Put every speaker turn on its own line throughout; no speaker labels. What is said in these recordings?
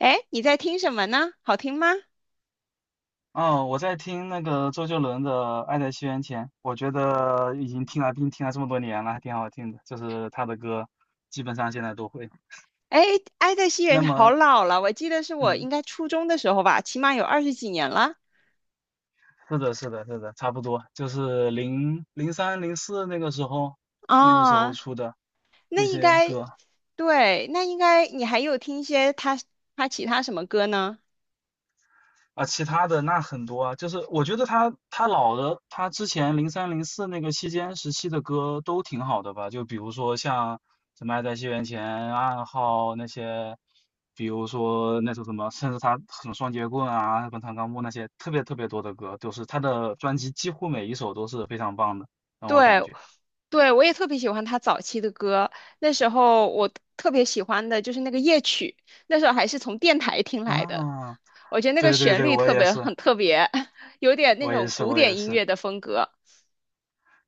哎，你在听什么呢？好听吗？
哦，我在听那个周杰伦的《爱在西元前》，我觉得已经听了这么多年了，还挺好听的。就是他的歌，基本上现在都会。
哎，《爱在西元
那
前好
么，
老了，我记得是我应
嗯，
该初中的时候吧，起码有20几年了
是的，是的，是的，差不多，就是零零三零四那个时候，那个时
啊。
候出的
那
那
应
些
该，
歌。
对，那应该你还有听一些他其他什么歌呢？
其他的那很多啊，就是我觉得他老的，他之前零三零四那个时期的歌都挺好的吧，就比如说像什么《爱在西元前》暗号那些，比如说那首什么，甚至他什么双截棍啊、滚烫钢木那些，特别特别多的歌，都是他的专辑几乎每一首都是非常棒的，让我感
对，
觉
对，我也特别喜欢他早期的歌。那时候我特别喜欢的就是那个夜曲，那时候还是从电台听来的。
啊。
我觉得那个
对对
旋
对，
律
我
特
也
别
是，
很特别，有点那
我也
种
是，
古
我也
典音
是。
乐的风格。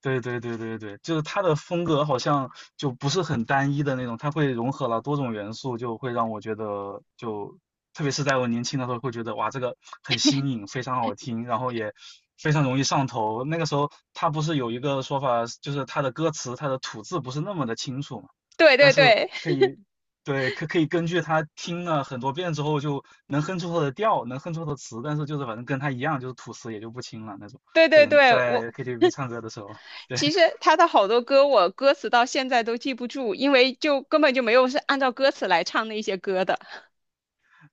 对对对对对，就是他的风格好像就不是很单一的那种，他会融合了多种元素，就会让我觉得就，特别是在我年轻的时候，会觉得哇，这个很新颖，非常好听，然后也非常容易上头。那个时候他不是有一个说法，就是他的歌词他的吐字不是那么的清楚嘛，
对
但
对
是
对。
可以，对，可以根据他听了很多遍之后，就能哼出他的调，能哼出他的词，但是就是反正跟他一样，就是吐词也就不清了那种，
对
在
对对，
演
我
在 KTV 唱歌的时候。对
其实 他的好多歌，我歌词到现在都记不住，因为就根本就没有是按照歌词来唱那些歌的。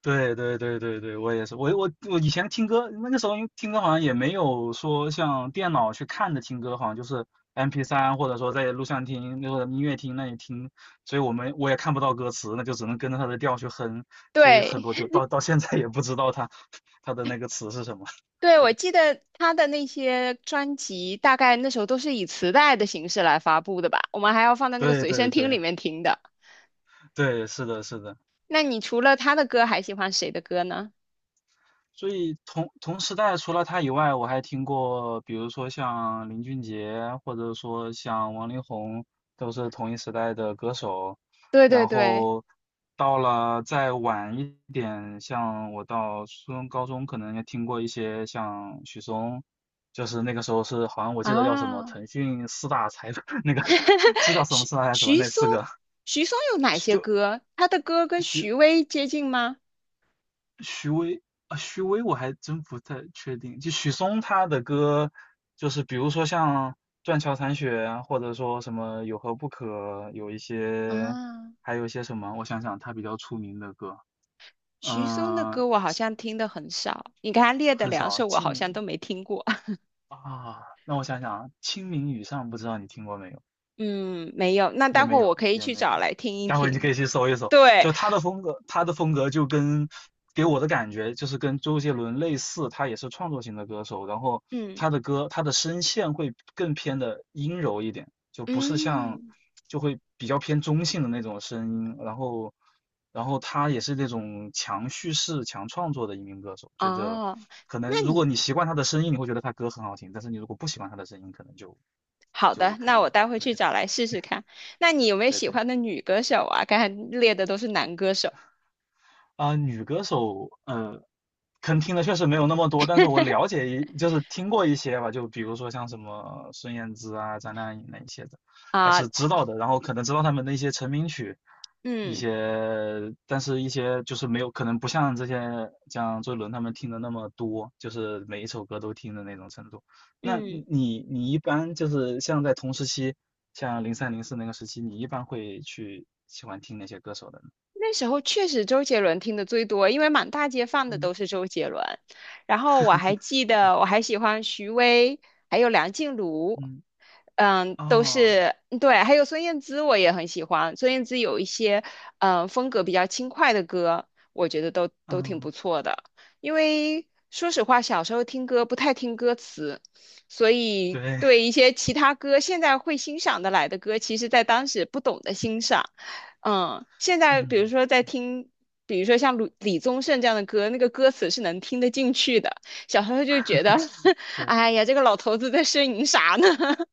对对对对对，我也是，我以前听歌，那个时候因为听歌好像也没有说像电脑去看的听歌，好像就是 m p 三或者说在录像厅那个音乐厅那里听，所以我也看不到歌词，那就只能跟着它的调去哼，所以很
对，
多就到现在也不知道它 它的那个词是什么。
对，
对
我记得他的那些专辑，大概那时候都是以磁带的形式来发布的吧，我们还要放在那个
对
随身
对
听里
对
面听的。
对，是的，是的。
那你除了他的歌，还喜欢谁的歌呢？
所以同时代除了他以外，我还听过，比如说像林俊杰，或者说像王力宏，都是同一时代的歌手。
对对
然
对，
后到了再晚一点，像我到初中、高中，可能也听过一些像许嵩，就是那个时候是好像我记得叫什么
啊，
腾讯四大才 那个 知道 什么
徐
四大才什么
徐
那
嵩，
四个，
徐嵩有哪些
就
歌？他的歌跟
许
徐巍接近吗？
徐巍啊，徐巍我还真不太确定。就许嵩他的歌，就是比如说像《断桥残雪》啊，或者说什么《有何不可》，有一些，
啊，
还有一些什么，我想想，他比较出名的歌，
许嵩的
嗯、
歌我好像听的很少，你刚才列的
很
两
少。
首我
清
好像
明
都没听过。
啊，让我想想啊，《清明雨上》不知道你听过没？有？
嗯，没有，那
也
待会
没
儿我
有，
可以
也
去
没有。
找来听一
待会你可
听。
以去搜一搜，
对，
就他的风格，他的风格就跟给我的感觉就是跟周杰伦类似，他也是创作型的歌手，然后
嗯
他的歌，他的声线会更偏的阴柔一点，就不是像
嗯，
就会比较偏中性的那种声音，然后他也是那种强叙事、强创作的一名歌手，觉得
哦，
可能
那
如果
你
你习惯他的声音，你会觉得他歌很好听，但是你如果不喜欢他的声音，可能就
好
就
的，
可
那
能
我待会
可能
去找来试试看。那你有没有
对
喜
对。
欢的女歌手啊？刚才列的都是男歌手
啊、女歌手，可能听的确实没有那么多，但是我了解一，就是听过一些吧，就比如说像什么孙燕姿啊、张靓颖那一些的，还
啊，
是知道的。然后可能知道他们的一些成名曲，一
嗯
些，但是一些就是没有，可能不像这些像周杰伦他们听的那么多，就是每一首歌都听的那种程度。那
嗯。
你一般就是像在同时期，像零三零四那个时期，你一般会去喜欢听哪些歌手的呢？
那时候确实周杰伦听的最多，因为满大街放的
嗯
都是周杰伦。然后我还记
对，
得，我还喜欢徐巍，还有梁静茹，
嗯。
嗯，都
哦，
是对，还有孙燕姿，我也很喜欢。孙燕姿有一些风格比较轻快的歌，我觉得都挺不
嗯，
错的。因为说实话，小时候听歌不太听歌词，所以
对，
对一些其他歌现在会欣赏的来的歌，其实在当时不懂得欣赏。嗯，现在比如
嗯，
说在听，比如说像李宗盛这样的歌，那个歌词是能听得进去的。小时候就觉得，
对，
哎呀，这个老头子在呻吟啥呢？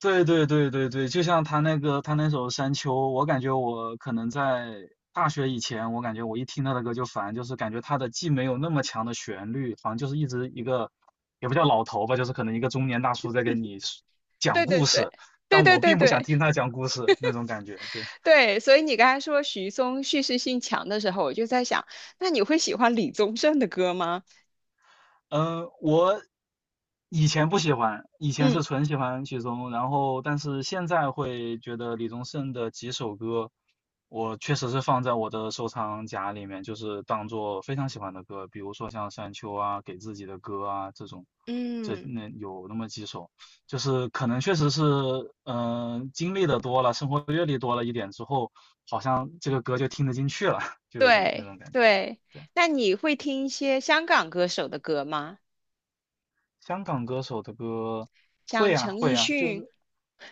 对，对，对，对，对，对，就像他那个他那首《山丘》，我感觉我可能在大学以前，我感觉我一听他的歌就烦，就是感觉他的既没有那么强的旋律，好像就是一直一个，也不叫老头吧，就是可能一个中年大叔在跟你 讲
对对
故
对。
事，
对
但
对
我
对
并不想
对
听他讲故事那种感觉，对。
对，所以你刚才说许嵩叙事性强的时候，我就在想，那你会喜欢李宗盛的歌吗？
嗯，我以前不喜欢，以前
嗯
是纯喜欢许嵩，然后但是现在会觉得李宗盛的几首歌，我确实是放在我的收藏夹里面，就是当做非常喜欢的歌，比如说像《山丘》啊、给自己的歌啊这种，这
嗯，
那有那么几首，就是可能确实是，嗯、经历的多了，生活阅历多了一点之后，好像这个歌就听得进去了，就有一种那
对
种感觉。
对。
对。
那你会听一些香港歌手的歌吗？
香港歌手的歌
像
会啊
陈
会
奕
啊，就
迅，
是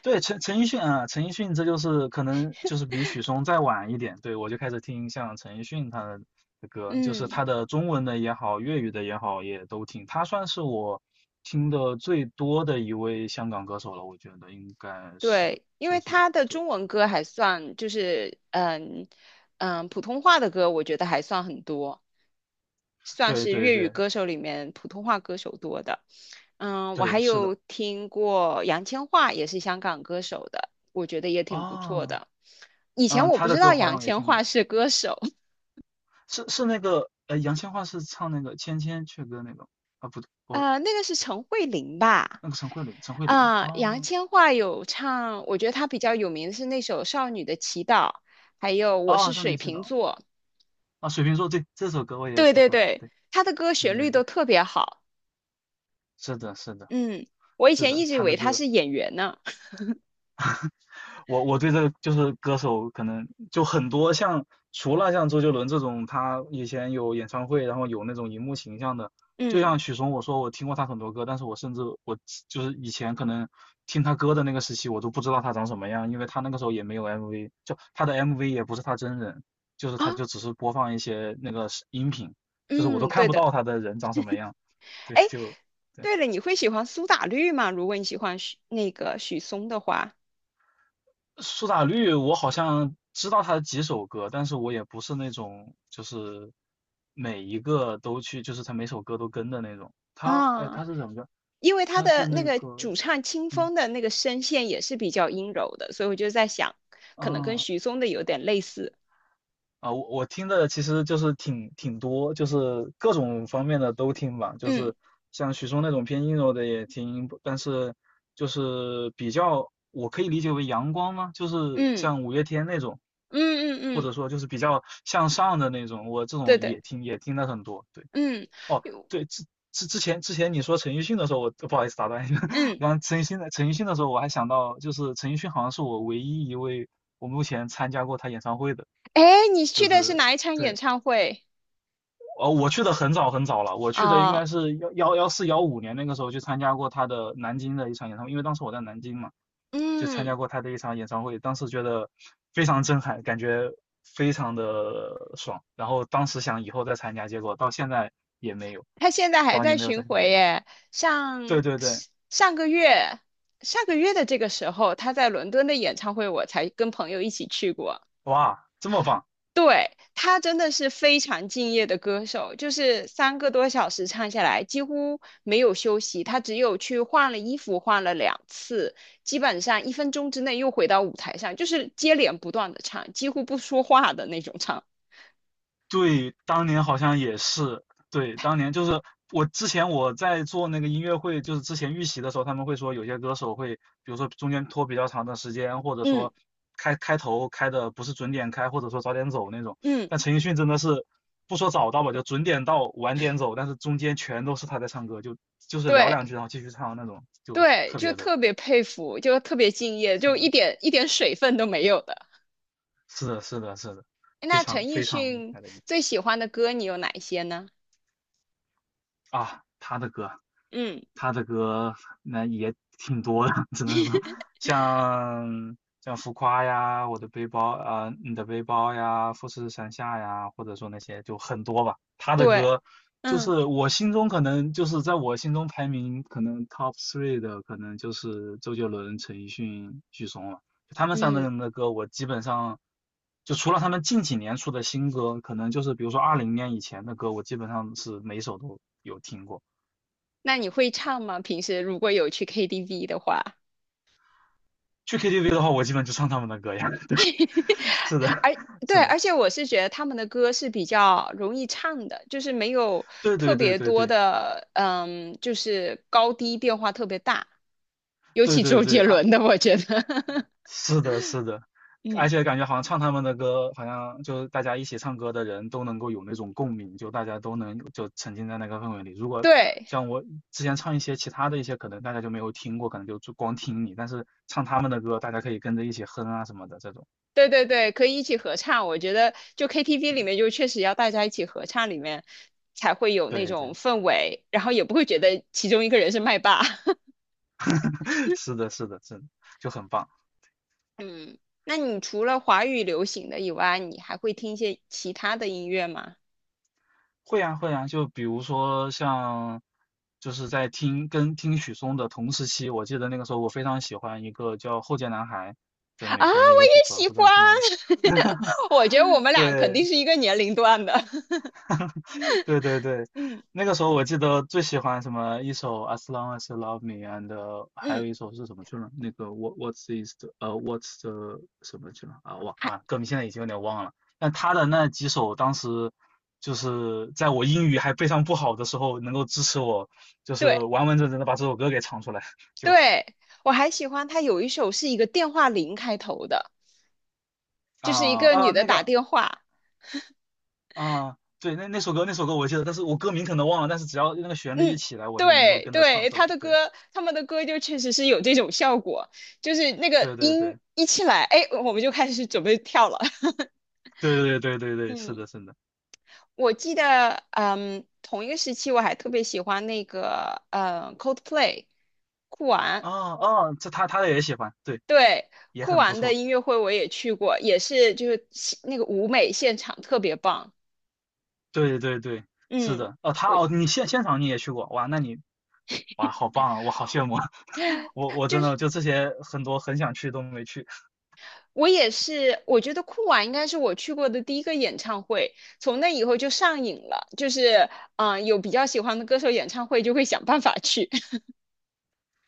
对陈奕迅啊，陈奕迅这就是可能就是比许嵩再晚一点，对我就开始听像陈奕迅他的歌，就是
嗯。
他的中文的也好，粤语的也好，也都听。他算是我听的最多的一位香港歌手了，我觉得应该是。
对，因为他的中文歌还算就是普通话的歌，我觉得还算很多，算
对
是
对
粤语
对
歌手里面普通话歌手多的。嗯，我
对，
还
是
有
的
听过杨千嬅，也是香港歌手的，我觉得也挺不错
啊，
的。以前
嗯，
我
他
不
的
知道
歌好
杨
像也
千
听
嬅
过，
是歌手，
是那个杨千嬅是唱那个《千千阙歌》那个啊，不 我
那个是陈慧琳吧？
那个陈慧琳，陈慧琳
啊、杨
啊
千嬅有唱，我觉得她比较有名的是那首《少女的祈祷》，还有《我
啊，
是
少年
水
气的
瓶座》。
啊，水瓶座对这首歌我也
对
收
对
藏，
对，
对
他的歌
对
旋
对
律都
对，
特别好。
是的是的
嗯，我以
是
前
的，
一直以
他的
为他
歌
是演员呢。
我对这个就是歌手可能就很多像除了像周杰伦这种，他以前有演唱会，然后有那种荧幕形象的，就
嗯
像许嵩，我说我听过他很多歌，但是我甚至就是以前可能听他歌的那个时期，我都不知道他长什么样，因为他那个时候也没有 MV,就他的 MV 也不是他真人，就是
啊，
他就只是播放一些那个音频，就是我都
嗯，
看
对
不
的。
到他的人长什么样，对，
哎，
就对。
对了，你会喜欢苏打绿吗？如果你喜欢许那个许嵩的话，
苏打绿，我好像知道他的几首歌，但是我也不是那种就是每一个都去，就是他每首歌都跟的那种。他，哎，
啊，
他是怎么着？
因为他
他
的
是
那
那
个
个，
主唱清
嗯
风的那个声线也是比较阴柔的，所以我就在想，可能跟
啊，
许嵩的有点类似。
啊，我听的其实就是挺多，就是各种方面的都听吧，就
嗯
是像许嵩那种偏阴柔的也听，但是就是比较我可以理解为阳光吗？就是
嗯
像五月天那种，
嗯
或
嗯嗯，
者说就是比较向上的那种，我这
对
种
对，
也听了很多。对，
嗯
哦，
有
对，之前你说陈奕迅的时候，我不好意思打断你，我
嗯，
刚刚陈奕迅的时候，我还想到就是陈奕迅好像是我唯一一位我目前参加过他演唱会的。
哎，你去
就
的是
是
哪一场演
对，
唱会
呃，我去的很早很早了，我去的应
啊？
该是幺幺幺四幺五年那个时候去参加过他的南京的一场演唱会，因为当时我在南京嘛，就参加
嗯。
过他的一场演唱会，当时觉得非常震撼，感觉非常的爽，然后当时想以后再参加，结果到现在也没有，
他现在还
也
在
没有再
巡
参加。
回耶，
对
上
对对，
上个月上个月的这个时候，他在伦敦的演唱会，我才跟朋友一起去过。
哇，这么棒！
对，他真的是非常敬业的歌手，就是3个多小时唱下来，几乎没有休息，他只有去换了衣服，换了两次，基本上一分钟之内又回到舞台上，就是接连不断的唱，几乎不说话的那种唱。
对，当年好像也是，对，当年就是我之前在做那个音乐会，就是之前预习的时候，他们会说有些歌手会，比如说中间拖比较长的时间，或者
嗯
说开头开的不是准点开，或者说早点走那种。
嗯，
但陈奕迅真的是不说早到吧，就准点到晚点走，但是中间全都是他在唱歌，就是聊
对。
两句然后继续唱那种，就
对，
特
就
别的，
特别佩服，就特别敬业，
是
就一
的，
点一点水分都没有的。
是的，是的，是的，非
那陈
常
奕
非常厉
迅
害的一个。
最喜欢的歌你有哪一些呢？
啊，
嗯
他的歌那也挺多的，只能说像浮夸呀，我的背包啊、你的背包呀，富士山下呀，或者说那些就很多吧。他的
对，
歌就
嗯，
是我心中可能就是在我心中排名可能 top three 的，可能就是周杰伦、陈奕迅、许嵩了。就他们三个
嗯，
人的歌，我基本上就除了他们近几年出的新歌，可能就是比如说2020年以前的歌，我基本上是每首都有听过。
那你会唱吗？平时如果有去 KTV 的话，
去 KTV 的话，我基本就唱他们的歌呀。对，是的，
而
是
对，
的，
而且我是觉得他们的歌是比较容易唱的，就是没有
对
特
对对
别
对
多
对
的，就是高低变化特别大，尤
对
其
对
周
对
杰
啊！
伦的，我觉得，
是的，是的，
嗯，
而且感觉好像唱他们的歌，好像就是大家一起唱歌的人都能够有那种共鸣，就大家都能就沉浸在那个氛围里。如果
对，
像我之前唱一些其他的一些，可能大家就没有听过，可能就光听你，但是唱他们的歌，大家可以跟着一起哼啊什么的这种。
对对对，可以一起合唱。我觉得就 KTV 里面，
对
就确实要大家一起合唱，里面才会有那
对
种
对，
氛围，然后也不会觉得其中一个人是麦霸。
是的，是的，是的，就很棒。
嗯，那你除了华语流行的以外，你还会听一些其他的音乐吗？
会啊会啊，就比如说像，就是在听跟听许嵩的同时期，我记得那个时候我非常喜欢一个叫后街男孩的
啊，
美国的一
我
个组
也
合，
喜
不知
欢。
道你听过没？
我觉得我们俩肯定
对，
是一个年龄段的。
对对对，
嗯
那个时候我记得最喜欢什么一首《As Long as You Love Me》，and 还
嗯，
有一首是什么去了？那个 What's the 什么去了啊？忘
还
了，歌名现在已经有点忘了。但他的那几首，当时就是在我英语还非常不好的时候，能够支持我，就是
对
完完整整的把这首歌给唱出来。就
对，我还喜欢他有一首是一个电话铃开头的，就
啊
是一个
啊
女的
那
打
个
电话。
啊，对，那首歌我记得，但是我歌名可能忘了，但是只要那个旋律一
嗯，
起来，我就能够
对
跟着唱
对，
出
他
来。
的
对
歌，他们的歌就确实是有这种效果，就是那个
对对
音
对。
一起来，哎，我们就开始准备跳了。
对对对对对，是
嗯，
的，是的。
我记得，嗯，同一个时期我还特别喜欢那个，Coldplay，酷玩，
哦哦，他也喜欢，对，
对，
也
酷
很不
玩的
错。
音乐会我也去过，也是就是那个舞美现场特别棒。
对对对，是
嗯。
的。哦，
我。
现场你也去过，哇，哇，好棒啊，我好羡慕啊。我真的就这些很多很想去都没去。
我也是，我觉得酷娃应该是我去过的第一个演唱会，从那以后就上瘾了，就是有比较喜欢的歌手演唱会就会想办法去。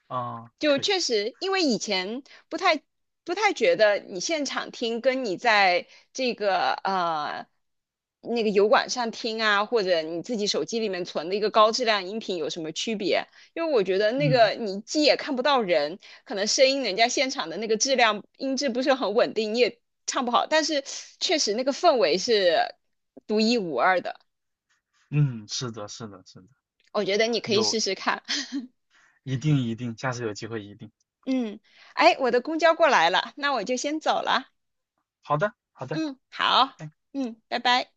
啊，
就
可以。
确实，因为以前不太不太觉得你现场听跟你在这个呃那个油管上听啊，或者你自己手机里面存的一个高质量音频有什么区别？因为我觉得那个
嗯
你既也看不到人，可能声音人家现场的那个音质不是很稳定，你也唱不好，但是确实那个氛围是独一无二的，
嗯，是的，是的，是的，
我觉得你可以
有，
试试看。
一定一定，下次有机会一定。
嗯，哎，我的公交过来了，那我就先走了。
好的，好的。
嗯，好，
拜拜。
嗯，拜拜。